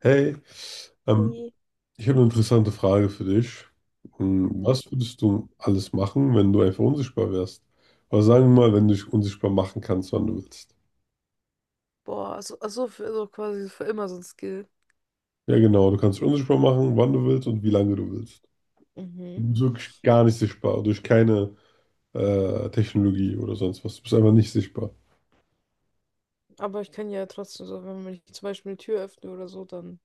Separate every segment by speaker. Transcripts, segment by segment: Speaker 1: Hey, ähm,
Speaker 2: Ui.
Speaker 1: ich habe eine interessante Frage für dich. Hm,
Speaker 2: Mhm.
Speaker 1: was würdest du alles machen, wenn du einfach unsichtbar wärst? Oder sagen wir mal, wenn du dich unsichtbar machen kannst, wann du willst.
Speaker 2: Boah, also für, also quasi für immer so ein Skill.
Speaker 1: Ja, genau, du kannst dich unsichtbar machen, wann du willst und wie lange du willst.
Speaker 2: Mhm.
Speaker 1: Du bist wirklich gar nicht sichtbar, durch keine Technologie oder sonst was. Du bist einfach nicht sichtbar.
Speaker 2: Aber ich kann ja trotzdem so, wenn ich zum Beispiel eine Tür öffne oder so, dann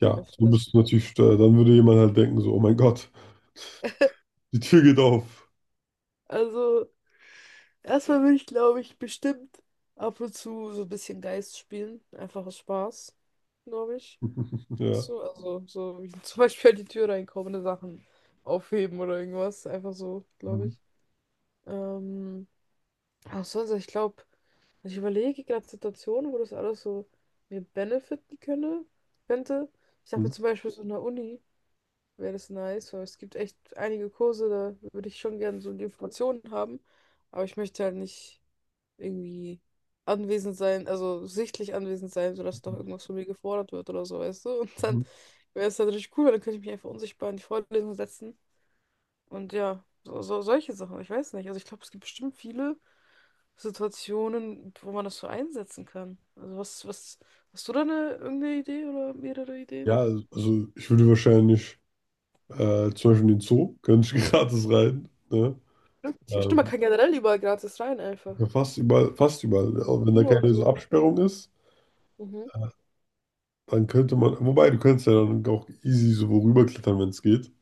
Speaker 1: Ja,
Speaker 2: öffne.
Speaker 1: du
Speaker 2: Also,
Speaker 1: bist natürlich, dann würde jemand halt denken, so, oh mein Gott, die Tür geht auf.
Speaker 2: also erstmal will ich, glaube ich, bestimmt ab und zu so ein bisschen Geist spielen. Einfach aus Spaß, glaube ich. Weißt
Speaker 1: Ja.
Speaker 2: du, also so wie zum Beispiel an die Tür reinkommende Sachen aufheben oder irgendwas. Einfach so, glaube
Speaker 1: Mhm.
Speaker 2: ich. Ähm. Auch sonst, ich glaube, also ich überlege gerade Situationen, wo das alles so mir benefiten könnte. Ich dachte mir
Speaker 1: Mhm.
Speaker 2: zum Beispiel so in der Uni wäre das nice, weil es gibt echt einige Kurse, da würde ich schon gerne so die Informationen haben, aber ich möchte halt nicht irgendwie anwesend sein, also sichtlich anwesend sein, sodass doch irgendwas von mir gefordert wird oder so, weißt du? Und dann
Speaker 1: Mhm.
Speaker 2: wäre es natürlich cool, weil dann könnte ich mich einfach unsichtbar in die Vorlesung setzen und ja, so, so solche Sachen, ich weiß nicht. Also ich glaube, es gibt bestimmt viele. Situationen, wo man das so einsetzen kann. Also hast du da eine irgendeine Idee oder mehrere Ideen?
Speaker 1: Ja, also ich würde wahrscheinlich zum Beispiel in den Zoo, können nicht gratis rein. Ne?
Speaker 2: Ja, stimmt, man
Speaker 1: Ähm,
Speaker 2: kann generell überall gratis rein einfach.
Speaker 1: ja, fast überall, fast überall. Auch wenn da
Speaker 2: Kino und
Speaker 1: keine so
Speaker 2: so.
Speaker 1: Absperrung ist,
Speaker 2: Mhm.
Speaker 1: dann könnte man, wobei du könntest ja dann auch easy so worüber klettern, wenn es geht.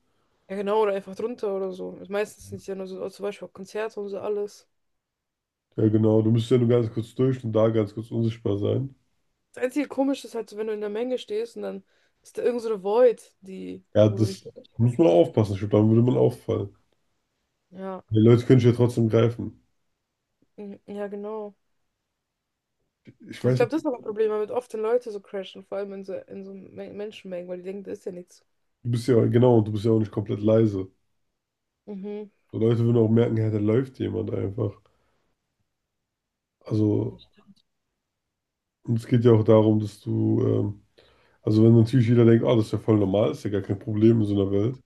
Speaker 2: Ja genau, oder einfach drunter oder so. Ist meistens nicht ja nur so, zum Beispiel auch Konzerte und so alles.
Speaker 1: Ja, genau, du müsstest ja nur ganz kurz durch und da ganz kurz unsichtbar sein.
Speaker 2: Das einzige Komische ist halt so, wenn du in der Menge stehst und dann ist da irgend so eine Void, die,
Speaker 1: Ja,
Speaker 2: wo du nicht
Speaker 1: das muss man
Speaker 2: durchkommst.
Speaker 1: aufpassen, ich glaube, dann würde man auffallen.
Speaker 2: Ja,
Speaker 1: Die Leute können dich ja trotzdem greifen.
Speaker 2: mhm, ja genau.
Speaker 1: Ich
Speaker 2: Ich
Speaker 1: weiß
Speaker 2: glaube, das
Speaker 1: nicht,
Speaker 2: ist auch ein Problem, weil mit oft den Leute so crashen, vor allem in so Menschenmengen, weil die denken, da ist ja nichts.
Speaker 1: du bist ja, genau, und du bist ja auch nicht komplett leise.
Speaker 2: Mhm.
Speaker 1: So Leute würden auch merken, hey, da läuft jemand einfach. Also, und es geht ja auch darum, dass du, also wenn natürlich jeder denkt, ah, das ist ja voll normal, ist ja gar kein Problem in so einer Welt.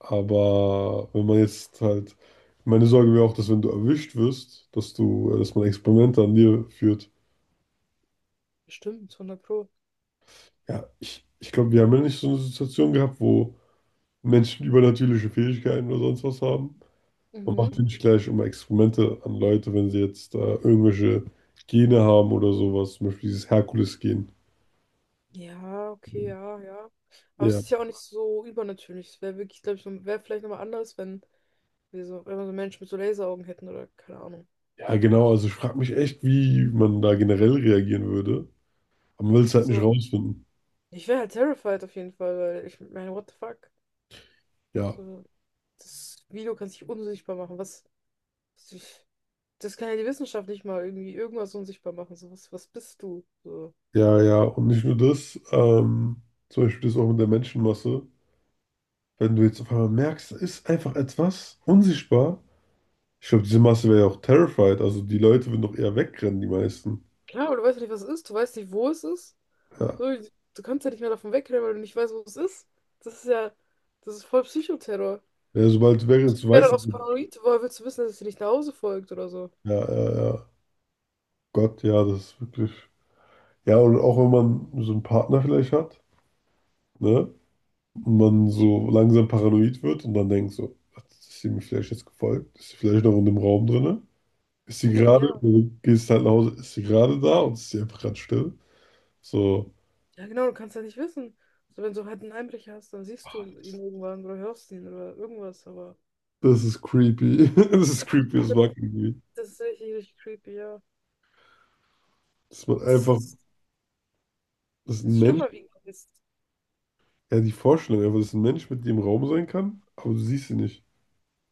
Speaker 1: Aber wenn man jetzt halt, meine Sorge wäre auch, dass wenn du erwischt wirst, dass du, dass man Experimente an dir führt.
Speaker 2: Stimmt, hundert Pro.
Speaker 1: Ja, ich glaube, wir haben ja nicht so eine Situation gehabt, wo Menschen übernatürliche Fähigkeiten oder sonst was haben. Man
Speaker 2: Mhm.
Speaker 1: macht ja nicht gleich immer Experimente an Leute, wenn sie jetzt irgendwelche Gene haben oder sowas, zum Beispiel dieses Herkules-Gen.
Speaker 2: Ja, okay, ja, ja. Aber es
Speaker 1: Ja.
Speaker 2: ist ja auch nicht so übernatürlich. Es wäre wirklich, glaube ich, wäre vielleicht nochmal anders, wenn wenn wir so Menschen mit so Laseraugen hätten oder keine Ahnung.
Speaker 1: Ja, genau, also ich frage mich echt, wie man da generell reagieren würde. Aber man will es halt nicht
Speaker 2: So,
Speaker 1: rausfinden.
Speaker 2: ich wäre halt terrified auf jeden Fall, weil ich meine, what the fuck?
Speaker 1: Ja,
Speaker 2: So, das Video kann sich unsichtbar machen. Was- das kann ja die Wissenschaft nicht mal irgendwie irgendwas unsichtbar machen. So, was bist du? So.
Speaker 1: ja, ja. Und nicht nur das, zum Beispiel das auch mit der Menschenmasse. Wenn du jetzt auf einmal merkst, da ist einfach etwas unsichtbar. Ich glaube, diese Masse wäre ja auch terrified. Also die Leute würden doch eher wegrennen, die meisten.
Speaker 2: Klar, aber du weißt ja nicht, was es ist. Du weißt nicht, wo es ist.
Speaker 1: Ja.
Speaker 2: So, du kannst ja nicht mehr davon wegrennen, weil du nicht weißt, wo es ist. Das ist ja, das ist voll Psychoterror.
Speaker 1: Ja, sobald du wegrennst, du
Speaker 2: Ich wäre
Speaker 1: weißt
Speaker 2: dann
Speaker 1: es
Speaker 2: auch so
Speaker 1: nicht.
Speaker 2: paranoid, woher willst du wissen, dass es dir nicht nach Hause folgt oder so?
Speaker 1: Ja, ja, ja. Gott, ja, das ist wirklich. Ja, und auch wenn man so einen Partner vielleicht hat, ne? Und man so langsam paranoid wird und dann denkt so, hat sie mir vielleicht jetzt gefolgt? Ist sie vielleicht noch in dem Raum drin? Ist sie
Speaker 2: Mhm,
Speaker 1: gerade,
Speaker 2: ja.
Speaker 1: du gehst halt nach Hause, ist sie gerade da und ist sie einfach gerade still? So,
Speaker 2: Ja, genau, du kannst ja nicht wissen. So, wenn du halt einen Einbrecher hast, dann siehst
Speaker 1: ah,
Speaker 2: du ihn
Speaker 1: das,
Speaker 2: irgendwann oder hörst ihn oder irgendwas, aber
Speaker 1: das ist creepy. Das ist creepy, das mag ich nicht.
Speaker 2: das ist richtig, richtig creepy, ja.
Speaker 1: Dass man
Speaker 2: Das
Speaker 1: einfach,
Speaker 2: ist,
Speaker 1: dass
Speaker 2: das
Speaker 1: ein
Speaker 2: ist
Speaker 1: Mensch,
Speaker 2: schlimmer wie Geist.
Speaker 1: ja, die Vorstellung einfach, dass ein Mensch mit dir im Raum sein kann, aber du siehst sie nicht.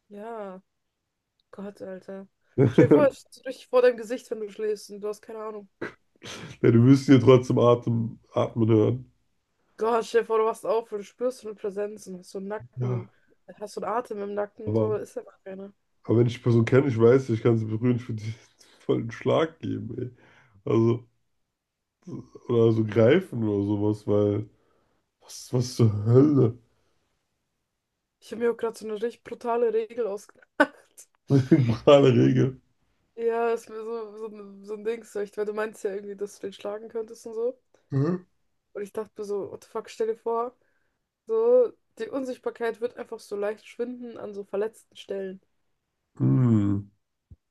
Speaker 2: Ja, Gott, Alter. Stell dir vor, es ist so richtig vor deinem Gesicht, wenn du schläfst und du hast keine Ahnung.
Speaker 1: Ja, du wirst sie ja trotzdem atmen hören.
Speaker 2: Gott, stell dir vor, du wachst auf und du spürst so eine Präsenz und hast so einen
Speaker 1: Ja,
Speaker 2: hast so einen Atem im Nacken und so, aber
Speaker 1: aber,
Speaker 2: ist einfach keiner.
Speaker 1: aber wenn ich die Person kenne, ich weiß, ich kann sie berühren, ich würde dir voll einen Schlag geben, ey. Also, oder so greifen oder sowas, weil, was zur Hölle?
Speaker 2: Ich habe mir auch gerade so eine richtig brutale Regel ausgedacht.
Speaker 1: Mit dem Regel.
Speaker 2: Ja, ist mir so ein Ding, so, ich, weil du meinst ja irgendwie, dass du den schlagen könntest und so.
Speaker 1: Hä?
Speaker 2: Und ich dachte mir so, what the fuck, stell dir vor, so, die Unsichtbarkeit wird einfach so leicht schwinden an so verletzten Stellen.
Speaker 1: Hm.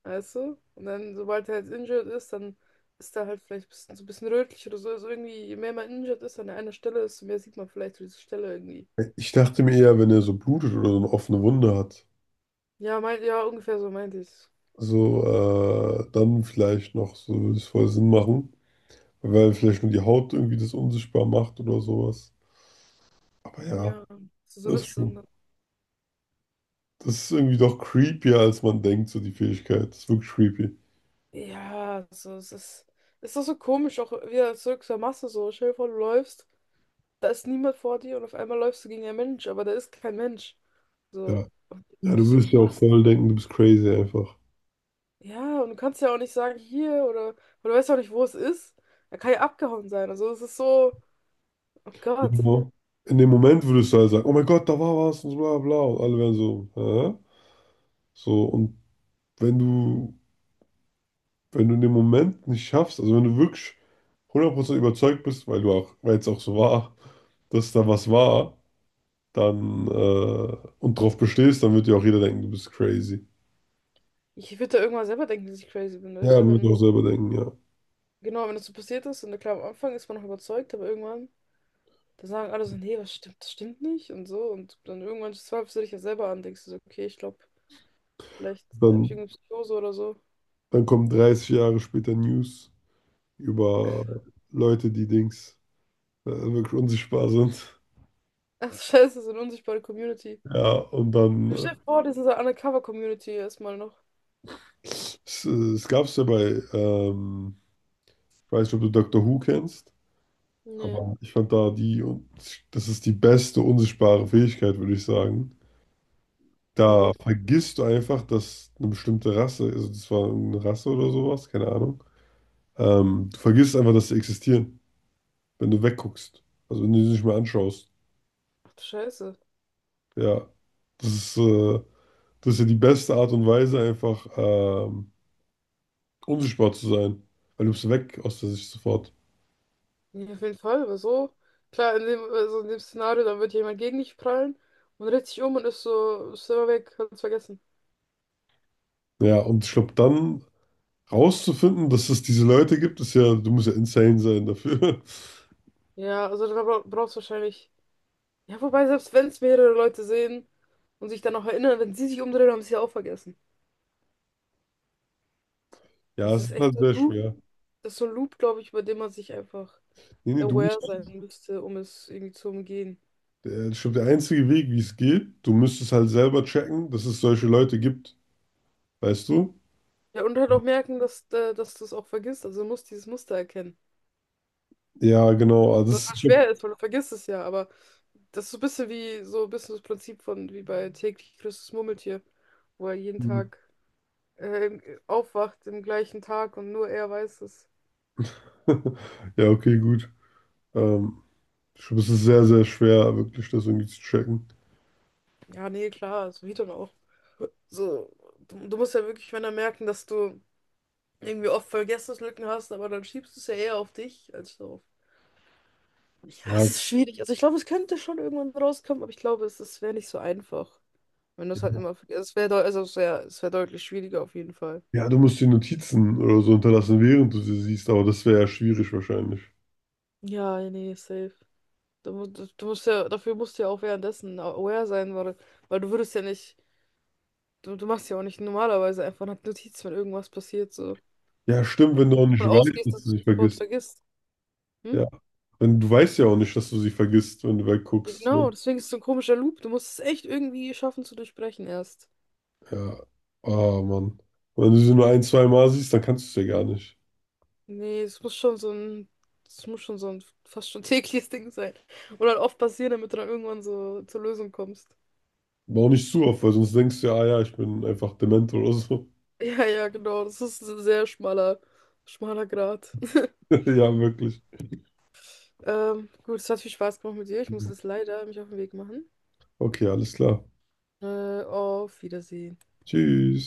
Speaker 2: Weißt du? Und dann, sobald er jetzt injured ist, dann ist er halt vielleicht ein bisschen, so ein bisschen rötlich oder so. Also irgendwie, je mehr man injured ist an einer desto mehr sieht man vielleicht so diese Stelle irgendwie.
Speaker 1: Ich dachte mir eher, wenn er so blutet oder so eine offene Wunde hat,
Speaker 2: Ja, ja, ungefähr so meinte ich.
Speaker 1: so dann vielleicht noch, so würde es voll Sinn machen, weil vielleicht nur die Haut irgendwie das unsichtbar macht oder sowas. Aber ja,
Speaker 2: Ja, so, so
Speaker 1: das ist
Speaker 2: Risse und
Speaker 1: schon,
Speaker 2: dann.
Speaker 1: das ist irgendwie doch creepier, als man denkt, so die Fähigkeit. Das ist wirklich creepy.
Speaker 2: Ja, so, es ist. Es ist doch so komisch, auch wieder zurück zur Masse so. Stell dir vor, du läufst, da ist niemand vor dir und auf einmal läufst du gegen einen Mensch, aber da ist kein Mensch. So,
Speaker 1: Ja,
Speaker 2: und
Speaker 1: ja, du
Speaker 2: ich so,
Speaker 1: würdest ja auch
Speaker 2: was?
Speaker 1: voll denken, du bist crazy einfach.
Speaker 2: Ja, und du kannst ja auch nicht sagen, hier oder du weißt ja auch nicht, wo es ist. Er kann ja abgehauen sein. Also es ist so, oh Gott.
Speaker 1: Genau. In dem Moment würdest du halt sagen, oh mein Gott, da war was und so bla bla. Und alle wären so, hä? So, und wenn du, wenn du in dem Moment nicht schaffst, also wenn du wirklich 100% überzeugt bist, weil du auch, weil es auch so war, dass da was war, dann und drauf bestehst, dann wird dir auch jeder denken, du bist crazy.
Speaker 2: Ich würde da irgendwann selber denken, dass ich crazy bin, weißt
Speaker 1: Ja,
Speaker 2: du?
Speaker 1: man wird
Speaker 2: Wenn,
Speaker 1: auch selber denken, ja.
Speaker 2: genau, wenn das so passiert ist und klar, am Anfang ist man noch überzeugt, aber irgendwann, da sagen alle so, nee, das stimmt nicht und so. Und dann irgendwann zweifelst du dich ja selber an, denkst du so, okay, ich glaube, vielleicht habe ich
Speaker 1: Dann,
Speaker 2: irgendeine Psychose oder so.
Speaker 1: dann kommen 30 Jahre später News über Leute, die Dings wirklich unsichtbar sind.
Speaker 2: Ach, scheiße, so eine unsichtbare Community.
Speaker 1: Ja, und dann
Speaker 2: Du stell dir vor, das ist eine Undercover-Community erstmal noch.
Speaker 1: es gab es ja bei, ich weiß nicht, ob du Doctor Who kennst,
Speaker 2: Nee.
Speaker 1: aber ich fand da die, das ist die beste unsichtbare Fähigkeit, würde ich sagen. Da
Speaker 2: Warum?
Speaker 1: vergisst du einfach, dass eine bestimmte Rasse, also das war eine Rasse oder sowas, keine Ahnung. Du vergisst einfach, dass sie existieren, wenn du wegguckst. Also wenn du sie nicht mehr anschaust.
Speaker 2: Ach du Scheiße.
Speaker 1: Ja, das ist, äh, das ist ja die beste Art und Weise, einfach unsichtbar zu sein. Weil du bist weg aus der Sicht sofort.
Speaker 2: Ja, auf jeden Fall, weil so, klar, in dem, also in dem Szenario, dann wird jemand gegen dich prallen und dreht sich um und ist so, ist immer weg, hat's vergessen.
Speaker 1: Ja, und ich glaube, dann rauszufinden, dass es diese Leute gibt, ist ja, du musst ja insane sein dafür.
Speaker 2: Ja, also da brauchst du wahrscheinlich. Ja, wobei, selbst wenn es mehrere Leute sehen und sich dann noch erinnern, wenn sie sich umdrehen, haben sie es ja auch vergessen.
Speaker 1: Ja,
Speaker 2: Es
Speaker 1: es
Speaker 2: ist
Speaker 1: ist
Speaker 2: echt
Speaker 1: halt
Speaker 2: so ein
Speaker 1: sehr schwer.
Speaker 2: Das ist so ein Loop, glaube ich, über den man sich einfach
Speaker 1: Nee, nee, du musst
Speaker 2: aware sein müsste, um es irgendwie zu umgehen.
Speaker 1: Ich glaube, der einzige Weg, wie es geht, du müsstest halt selber checken, dass es solche Leute gibt, weißt du?
Speaker 2: Ja, und halt auch merken, dass du es auch vergisst. Also du musst dieses Muster erkennen.
Speaker 1: Ja, genau. Also
Speaker 2: Was
Speaker 1: das,
Speaker 2: halt schwer ist, weil du vergisst es ja, aber das ist so ein bisschen wie so ein bisschen das Prinzip von wie bei täglich grüßt das Murmeltier, wo er jeden Tag aufwacht im gleichen Tag und nur er weiß es.
Speaker 1: ja, okay, gut. Ähm, ich glaube, es ist sehr, sehr schwer, wirklich das irgendwie zu checken.
Speaker 2: Ja, nee, klar, so wie dann auch. So, du musst ja wirklich, wenn er merken, dass du irgendwie oft Vergessenslücken hast, aber dann schiebst du es ja eher auf dich als so auf. Ja,
Speaker 1: Ja,
Speaker 2: es ist schwierig. Also ich glaube, es könnte schon irgendwann rauskommen, aber ich glaube, es wäre nicht so einfach. Wenn du es halt immer vergisst. Es wäre es wäre deutlich schwieriger auf jeden Fall.
Speaker 1: ja, du musst die Notizen oder so hinterlassen, während du sie siehst, aber das wäre ja schwierig wahrscheinlich.
Speaker 2: Ja, nee, safe. Du, mu- du du musst ja, dafür musst du ja auch währenddessen aware sein, weil, weil du würdest ja nicht, du machst ja auch nicht normalerweise einfach eine Notiz, wenn irgendwas passiert, so.
Speaker 1: Ja, stimmt,
Speaker 2: Weil
Speaker 1: wenn
Speaker 2: du
Speaker 1: du auch
Speaker 2: nicht davon
Speaker 1: nicht weißt,
Speaker 2: ausgehst,
Speaker 1: dass
Speaker 2: dass du
Speaker 1: du
Speaker 2: es
Speaker 1: sie
Speaker 2: sofort
Speaker 1: vergisst.
Speaker 2: vergisst. Hm?
Speaker 1: Ja, wenn du weißt ja auch nicht, dass du sie vergisst, wenn du
Speaker 2: Ja,
Speaker 1: wegguckst. So.
Speaker 2: genau, deswegen ist es so ein komischer Loop. Du musst es echt irgendwie schaffen zu durchbrechen erst.
Speaker 1: Ja, ah, Mann. Und wenn du sie nur ein, zwei Mal siehst, dann kannst du es ja gar nicht.
Speaker 2: Nee, es muss schon so ein fast schon tägliches Ding sein. Oder halt oft passieren, damit du dann irgendwann so zur Lösung kommst.
Speaker 1: Aber auch nicht zu oft, weil sonst denkst du ja, ah ja, ich bin einfach dement oder so.
Speaker 2: Ja, ja, genau, das ist ein sehr schmaler Grat.
Speaker 1: Ja, wirklich.
Speaker 2: Gut, es hat viel Spaß gemacht mit dir. Ich muss
Speaker 1: Mhm.
Speaker 2: jetzt leider mich auf den Weg machen.
Speaker 1: Okay, alles klar.
Speaker 2: Auf Wiedersehen.
Speaker 1: Tschüss.